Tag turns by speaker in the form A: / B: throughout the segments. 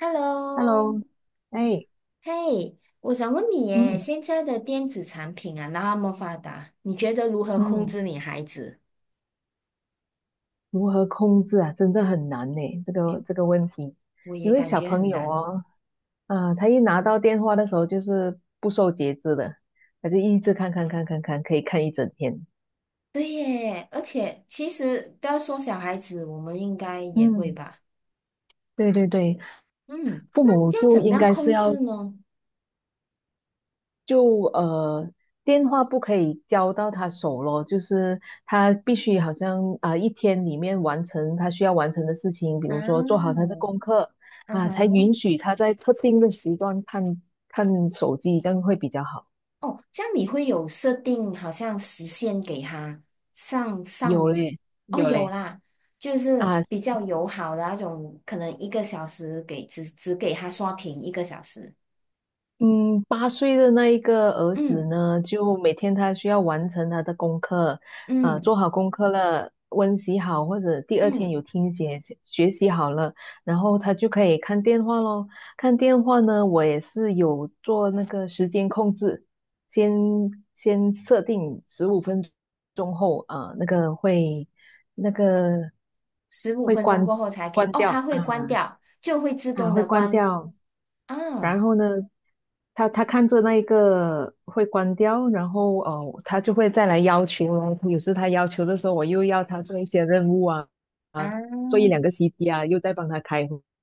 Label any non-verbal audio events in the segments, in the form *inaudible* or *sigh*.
A: Hello，
B: Hello，哎，
A: 嘿，我想问你耶，
B: 嗯
A: 现在的电子产品啊那么发达，你觉得如何控
B: 嗯，
A: 制你孩子？
B: 如何控制啊，真的很难呢。这
A: 哎
B: 个
A: 呦，
B: 这个问题，
A: 我
B: 因
A: 也
B: 为
A: 感
B: 小
A: 觉
B: 朋
A: 很
B: 友
A: 难。
B: 哦，啊，他一拿到电话的时候就是不受节制的，他就一直看看看看看，可以看一整天。
A: 对耶，而且其实不要说小孩子，我们应该也会
B: 嗯，
A: 吧。
B: 对对对，
A: 嗯，
B: 父
A: 那
B: 母
A: 要
B: 就
A: 怎么
B: 应
A: 样
B: 该是
A: 控
B: 要
A: 制呢？
B: 就电话不可以交到他手咯，就是他必须好像啊、一天里面完成他需要完成的事情，比
A: 啊，
B: 如说做好他的功课
A: 啊
B: 啊，才
A: 哈。
B: 允许他在特定的时段看看手机，这样会比较好。
A: 哦，这样你会有设定，好像时限给他上
B: 有
A: 上，
B: 嘞，
A: 哦，
B: 有
A: 有
B: 嘞。
A: 啦，就是
B: 啊。
A: 比较友好的那种，可能一个小时给只给他刷屏一个小时，
B: 嗯，8岁的那一个儿子
A: 嗯
B: 呢，就每天他需要完成他的功课，啊、
A: 嗯
B: 做好功课了，温习好，或者第二天
A: 嗯，
B: 有听写学习好了，然后他就可以看电话咯。看电话呢，我也是有做那个时间控制，先先设定十五分钟后啊、那个会那个
A: 十五
B: 会
A: 分钟
B: 关
A: 过后才可以，
B: 关
A: 哦，它
B: 掉
A: 会关掉，就会自动
B: 会
A: 的
B: 关
A: 关
B: 掉。然
A: 啊
B: 后呢，他看着那一个会关掉，然后哦，他就会再来要求咯。有时他要求的时候，我又要他做一些任务啊，
A: 啊
B: 啊，做一两个 CT 啊，又在帮他开会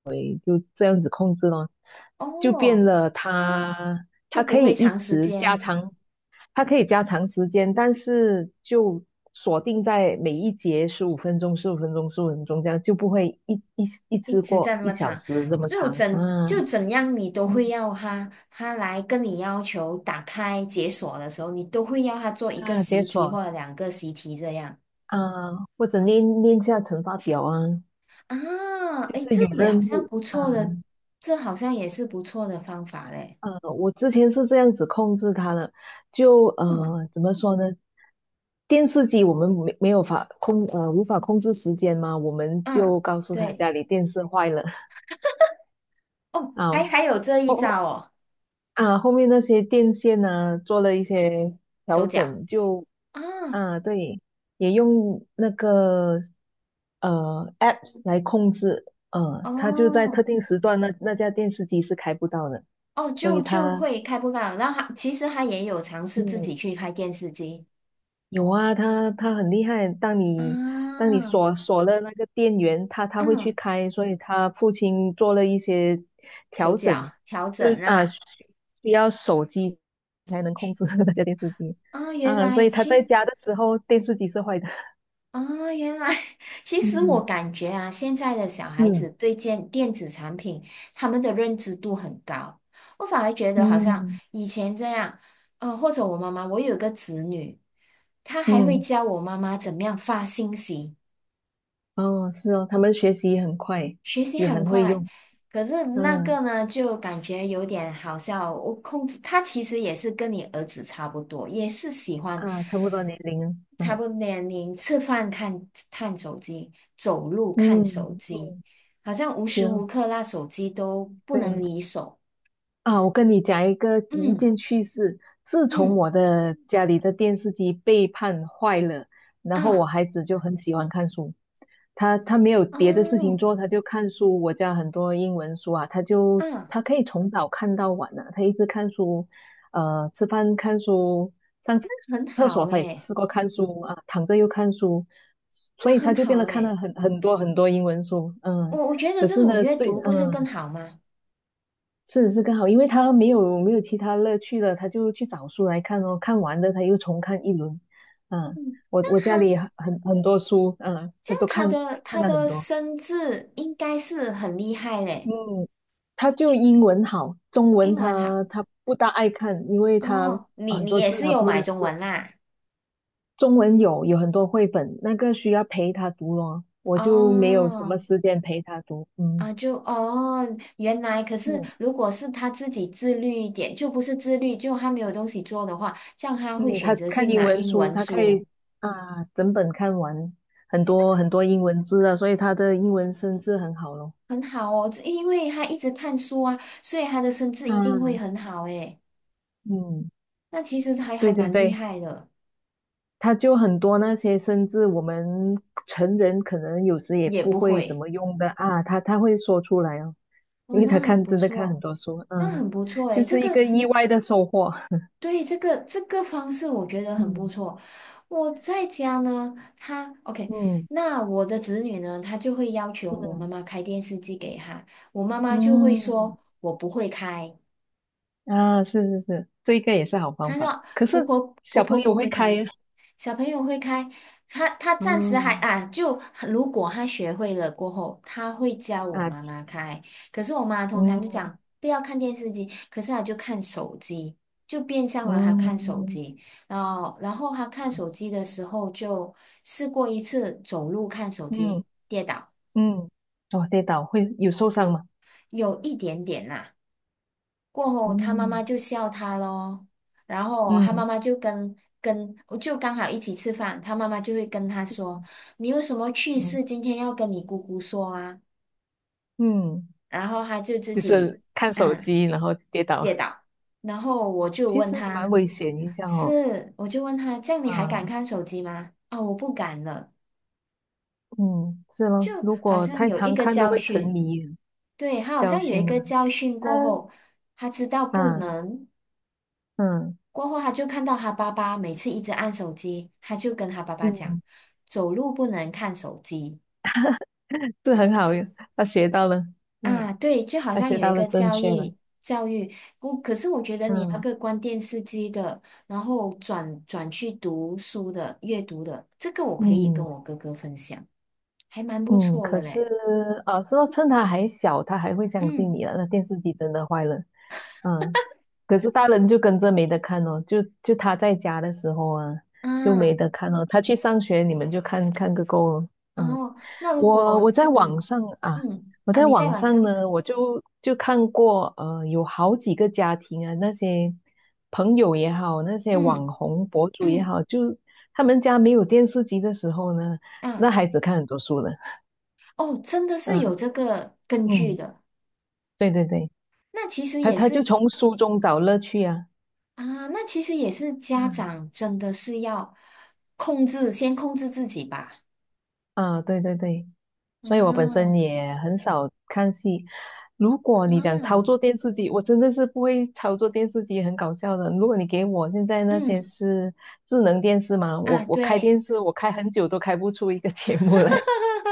B: 这样子控制咯，就变
A: 哦，
B: 了他
A: 就
B: 他
A: 不
B: 可以
A: 会
B: 一
A: 长时
B: 直加
A: 间，
B: 长，他可以加长时间，但是就锁定在每一节15分钟、15分钟、15分钟这样，就不会一
A: 一
B: 次
A: 直
B: 过
A: 在那
B: 一
A: 么
B: 小
A: 长，
B: 时这么
A: 就
B: 长
A: 怎
B: 啊。
A: 就怎样你都会
B: 嗯
A: 要他，他来跟你要求打开解锁的时候，你都会要他做一个
B: 啊，解
A: 习题
B: 锁
A: 或者两个习题这样
B: 啊、或者练练下乘法表啊，
A: 啊，
B: 就
A: 诶，
B: 是
A: 这
B: 有
A: 也好
B: 任
A: 像
B: 务
A: 不
B: 啊，
A: 错的，这好像也是不错的方法嘞，
B: 呃，我之前是这样子控制他的，就
A: 嗯
B: 怎么说呢？电视机我们没有法控，无法控制时间嘛，我们
A: 嗯，
B: 就告诉他
A: 对，
B: 家里电视坏了 *laughs*
A: 哦，还
B: 啊，
A: 还有这一招哦，
B: 啊，后面那些电线呢，做了一些
A: 手
B: 调
A: 脚
B: 整就，
A: 啊，
B: 啊，对，也用那个apps 来控制，呃，它就在特
A: 哦
B: 定时段那架电视机是开不到的，
A: 哦，
B: 所
A: 就
B: 以
A: 就
B: 它
A: 会开不到，然后他其实也有尝试自己
B: 嗯
A: 去开电视机。
B: 有啊，他很厉害。当你当
A: 啊，
B: 你锁了那个电源，他会
A: 嗯，
B: 去开，所以他父亲做了一些
A: 手
B: 调
A: 脚
B: 整，
A: 调
B: 就
A: 整
B: 是啊
A: 啊
B: 需要手机才能控制 *laughs* 那家电视机
A: 啊，原
B: 啊，所
A: 来
B: 以他在
A: 其
B: 家的时候电视机是坏的。
A: 啊，原来 *laughs* 其
B: *laughs*
A: 实我
B: 嗯
A: 感觉啊，现在的小孩
B: 嗯
A: 子对电子产品他们的认知度很高，我反而觉得好像
B: 嗯
A: 以前这样，或者我妈妈，我有个侄女，她还会
B: 嗯，
A: 教我妈妈怎么样发信息，
B: 哦，是哦，他们学习很快，
A: 学习
B: 也
A: 很
B: 很会
A: 快。
B: 用。
A: 可是那
B: 嗯
A: 个呢，就感觉有点好笑。我控制他其实也是跟你儿子差不多，也是喜欢。
B: 啊，差不多年龄了。
A: 差
B: 嗯
A: 不多年龄，吃饭看看手机，走路看
B: 嗯
A: 手
B: 嗯，
A: 机，好像无
B: 是
A: 时
B: 哦，
A: 无刻那手机都不能
B: 对。
A: 离手。
B: 啊，我跟你讲一
A: 嗯
B: 件趣事。自从
A: 嗯
B: 我的家里的电视机被判坏了，然后我
A: 啊
B: 孩子就很喜欢看书。他没有别的事情
A: 哦
B: 做，他就看书。我家很多英文书啊，他就
A: 啊，那
B: 他可以从早看到晚啊，他一直看书，呃，吃饭看书，上
A: 很
B: 厕
A: 好
B: 所他也
A: 诶，
B: 吃过看书啊，躺着又看书，所以
A: 那
B: 他
A: 很
B: 就变
A: 好
B: 得看
A: 诶。
B: 了很多很多英文书。嗯，
A: 我觉得
B: 可
A: 这
B: 是
A: 种
B: 呢，
A: 阅读不是更好吗？
B: 是更好，因为他没有其他乐趣了，他就去找书来看哦，看完了，他又重看一轮。嗯，我
A: 那
B: 我家
A: 他
B: 里很多书，嗯，
A: 这
B: 他
A: 样
B: 都
A: 他
B: 看
A: 的
B: 看
A: 他
B: 了很
A: 的
B: 多。
A: 生字应该是很厉害
B: 嗯，
A: 嘞，
B: 他就英文好，中
A: 英
B: 文
A: 文好
B: 他不大爱看，因为他
A: 哦。你
B: 很
A: 你
B: 多
A: 也
B: 字
A: 是
B: 他
A: 有
B: 不
A: 买
B: 认
A: 中
B: 识。
A: 文啦？
B: 中文有很多绘本，那个需要陪他读咯，我就没有什
A: 哦
B: 么时间陪他读。
A: 啊，
B: 嗯
A: 就哦，原来可是，
B: 嗯。
A: 如果是他自己自律一点，就不是自律，就他没有东西做的话，像他会
B: 嗯，
A: 选
B: 他
A: 择
B: 看
A: 性
B: 英
A: 拿
B: 文
A: 英
B: 书，
A: 文
B: 他可
A: 书，
B: 以啊整本看完很多很多英文字啊，所以他的英文生字很好咯。
A: 很好哦，这因为他一直看书啊，所以他的生字一定会
B: 嗯
A: 很好诶。
B: 嗯，
A: 那其实还
B: 对对
A: 蛮厉
B: 对，
A: 害的，
B: 他就很多那些生字，我们成人可能有时也
A: 也
B: 不
A: 不
B: 会怎
A: 会
B: 么用的啊，他会说出来哦，
A: 哦，
B: 因为
A: 那
B: 他
A: 很
B: 看
A: 不
B: 真的看很
A: 错，
B: 多书，
A: 那
B: 嗯，
A: 很不错
B: 就
A: 诶，这
B: 是一
A: 个
B: 个意外的收获。*laughs*
A: 对，这个方式我觉得很不
B: 嗯
A: 错。我在家呢，他 OK，
B: 嗯
A: 那我的子女呢，他就会要求我
B: 嗯
A: 妈妈开电视机给他，我妈妈就会
B: 嗯，
A: 说我不会开，
B: 啊，是是是，这一个也是好
A: 她
B: 方法。
A: 说
B: 可是
A: 婆婆婆
B: 小
A: 婆
B: 朋友
A: 不会
B: 会开呀，
A: 开，小朋友会开。她暂时还
B: 嗯
A: 啊，就如果她学会了过后，她会教我
B: 啊，
A: 妈妈开。可是我妈通常就
B: 嗯
A: 讲不要看电视机，可是她就看手机，就变相了她看手
B: 嗯
A: 机。然后她看手机的时候，就试过一次走路看手
B: 嗯
A: 机跌倒，
B: 嗯，哦，跌倒会有受伤吗？
A: 有一点点啦、过后，他妈妈
B: 嗯
A: 就笑他咯，然后他妈
B: 嗯
A: 妈就跟跟我就刚好一起吃饭，他妈妈就会跟他说：“你有什么趣
B: 嗯
A: 事今天要跟你姑姑说啊？”
B: 嗯，
A: 然后他就自
B: 就
A: 己
B: 是看手
A: 嗯
B: 机然后跌倒，
A: 跌倒，然后我就
B: 其
A: 问
B: 实蛮
A: 他：
B: 危险一下哦。
A: “是？”我就问他：“这样你还敢
B: 啊，
A: 看手机吗？”哦，我不敢了，
B: 嗯，是咯，
A: 就
B: 如
A: 好
B: 果
A: 像
B: 太
A: 有一
B: 常
A: 个
B: 看都
A: 教
B: 会沉
A: 训，
B: 迷啊
A: 对，他好
B: 教
A: 像有一
B: 训呢。
A: 个教训
B: 啊
A: 过后，他知道不
B: 啊
A: 能。
B: 嗯
A: 过后，他就看到他爸爸每次一直按手机，他就跟他爸爸讲，
B: 嗯，
A: 走路不能看手机
B: 是很好，他学到了，嗯，
A: 啊。对，就好
B: 他
A: 像
B: 学
A: 有一
B: 到了
A: 个
B: 正
A: 教
B: 确的，
A: 育教育，不，可是我觉得你那
B: 嗯
A: 个关电视机的，然后转去读书的、阅读的，这个我可以跟
B: 嗯。
A: 我哥哥分享，还蛮不
B: 嗯，
A: 错
B: 可
A: 的
B: 是
A: 嘞。
B: 啊，是说趁他还小，他还会相信
A: 嗯
B: 你啊。那电视机真的坏了，嗯，可是大人就跟着没得看哦，就他在家的时候啊，就
A: 啊
B: 没得看哦。他去上学，你们就看看个够了。嗯，
A: 哦，那如
B: 我
A: 果
B: 我
A: 这
B: 在网
A: 嗯
B: 上啊，
A: 嗯
B: 我
A: 啊，
B: 在
A: 你在
B: 网
A: 晚
B: 上
A: 上
B: 呢，我就看过，呃，有好几个家庭啊，那些朋友也好，那些
A: 嗯
B: 网红博主也
A: 嗯
B: 好，就他们家没有电视机的时候呢，
A: 啊
B: 那孩子看很多书呢。
A: 哦，真的是有
B: 嗯
A: 这个根据
B: 嗯，
A: 的。
B: 对对对，
A: 那其实
B: 他
A: 也
B: 他就
A: 是
B: 从书中找乐趣啊。
A: 啊，那其实也是家
B: 嗯
A: 长真的是要控制，先控制自己吧。
B: 啊，对对对，所以我本身
A: 嗯
B: 也很少看戏。如果你
A: 啊，
B: 讲操作电视机，我真的是不会操作电视机，很搞笑的。如果你给我现在那些
A: 嗯
B: 是智能电视嘛，
A: 啊，
B: 我开
A: 对，
B: 电视，我开很久都开不出一个 *laughs* 节目来，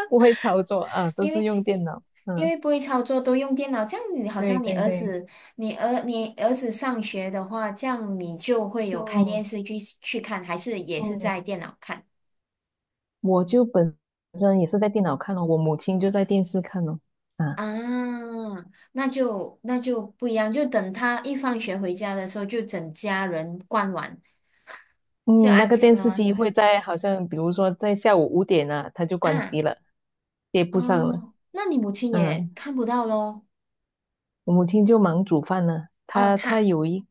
B: 不会操作啊，都
A: 因
B: 是
A: 为
B: 用电脑。
A: 因
B: 嗯，
A: 为不会操作都用电脑，这样你好
B: 对
A: 像你
B: 对
A: 儿
B: 对，
A: 子，你儿子上学的话，这样你就会有开电
B: 哦
A: 视去看，还是也是
B: 哦，
A: 在电脑看
B: 我就本身也是在电脑看哦，我母亲就在电视看哦。啊。
A: 啊？那就不一样，就等他一放学回家的时候，就整家人关完，就
B: 嗯，那
A: 安
B: 个
A: 静
B: 电
A: 了
B: 视
A: 吗？
B: 机会在好像比如说在下午5点啊，它就关机
A: 嗯。
B: 了，接不上了。
A: 哦，那你母亲也
B: 嗯，
A: 看不到咯。
B: 我母亲就忙煮饭了，
A: 哦，
B: 她她
A: 她
B: 有一，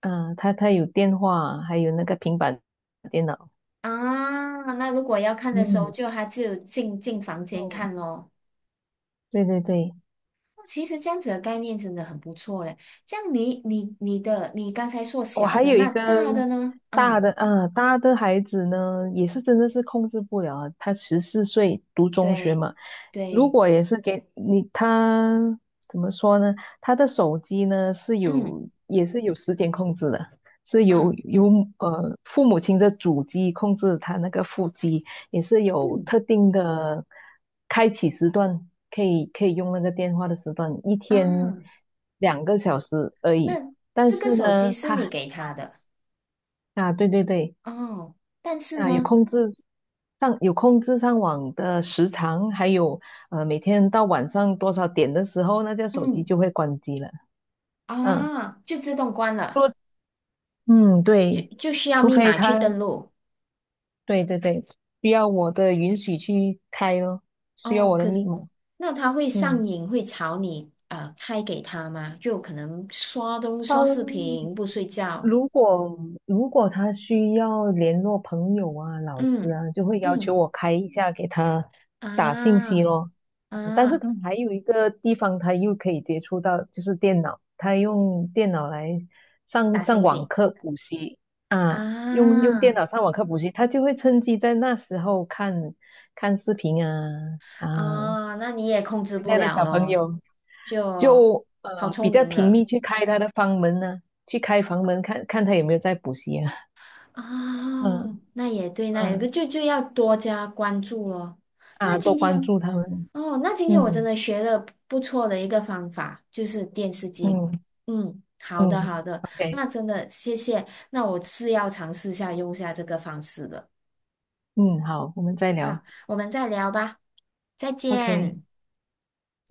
B: 嗯、她她有电话，还有那个平板电脑。
A: 啊，那如果要看的时候，
B: 嗯，
A: 就她只有进房间
B: 哦，
A: 看咯。
B: 对对对，
A: 哦其实这样子的概念真的很不错嘞。这样你刚才说
B: 我
A: 小
B: 还
A: 的，
B: 有一
A: 那
B: 个
A: 大的呢？
B: 大
A: 啊，
B: 的，嗯，大的孩子呢，也是真的是控制不了啊他14岁读中学
A: 对
B: 嘛，如
A: 对，
B: 果也是给你，他怎么说呢？他的手机呢是
A: 嗯
B: 有，也是有时间控制的，是有
A: 啊
B: 有呃父母亲的主机控制他那个副机，也是有
A: 嗯
B: 特定的开启时段，可以用那个电话的时段，一天
A: 啊，
B: 2个小时而已。
A: 那
B: 但
A: 这个
B: 是
A: 手机
B: 呢，
A: 是你
B: 他
A: 给他的
B: 啊，对对对，
A: 哦，但是
B: 啊，
A: 呢，
B: 有控制上网的时长，还有呃每天到晚上多少点的时候，那这手机
A: 嗯
B: 就会关机了。嗯，
A: 啊，就自动关了，
B: 说嗯
A: 就
B: 对，
A: 就需要
B: 除
A: 密
B: 非
A: 码去
B: 他
A: 登录。
B: 对对对需要我的允许去开咯，需要
A: 哦，
B: 我的
A: 可是
B: 密码。
A: 那他会上
B: 嗯，
A: 瘾，会吵你开给他吗？就可能刷东
B: 好，
A: 刷视频不睡觉，
B: 如果如果他需要联络朋友啊、老师
A: 嗯
B: 啊，就会要求
A: 嗯
B: 我开一下给他打信息
A: 啊
B: 咯。嗯但是
A: 啊
B: 他还有一个地方，他又可以接触到，就是电脑，他用电脑来
A: 打
B: 上
A: 星
B: 网
A: 星
B: 课补习啊，用电
A: 啊
B: 脑上网课补习，他就会趁机在那时候看看视频啊啊，
A: 啊，那你也控制
B: 现
A: 不
B: 在的
A: 了
B: 小朋
A: 咯，
B: 友
A: 就
B: 就
A: 好
B: 呃比
A: 聪
B: 较
A: 明
B: 频
A: 了。
B: 密去开他的房门呢、去开房门看看他有没有在补习啊，嗯
A: 哦，那也对，那也
B: 嗯
A: 对，就要多加关注咯。那
B: 啊，多
A: 今
B: 关
A: 天，
B: 注他们，
A: 哦，那今天我真
B: 嗯
A: 的学了不错的一个方法，就是电视机。
B: 嗯
A: 嗯，好的
B: 嗯
A: 好的，
B: ，OK，
A: 那真的谢谢，那我是要尝试下用下这个方式的。
B: 嗯好，我们再
A: 好，
B: 聊
A: 我们再聊吧，再
B: ，OK。
A: 见。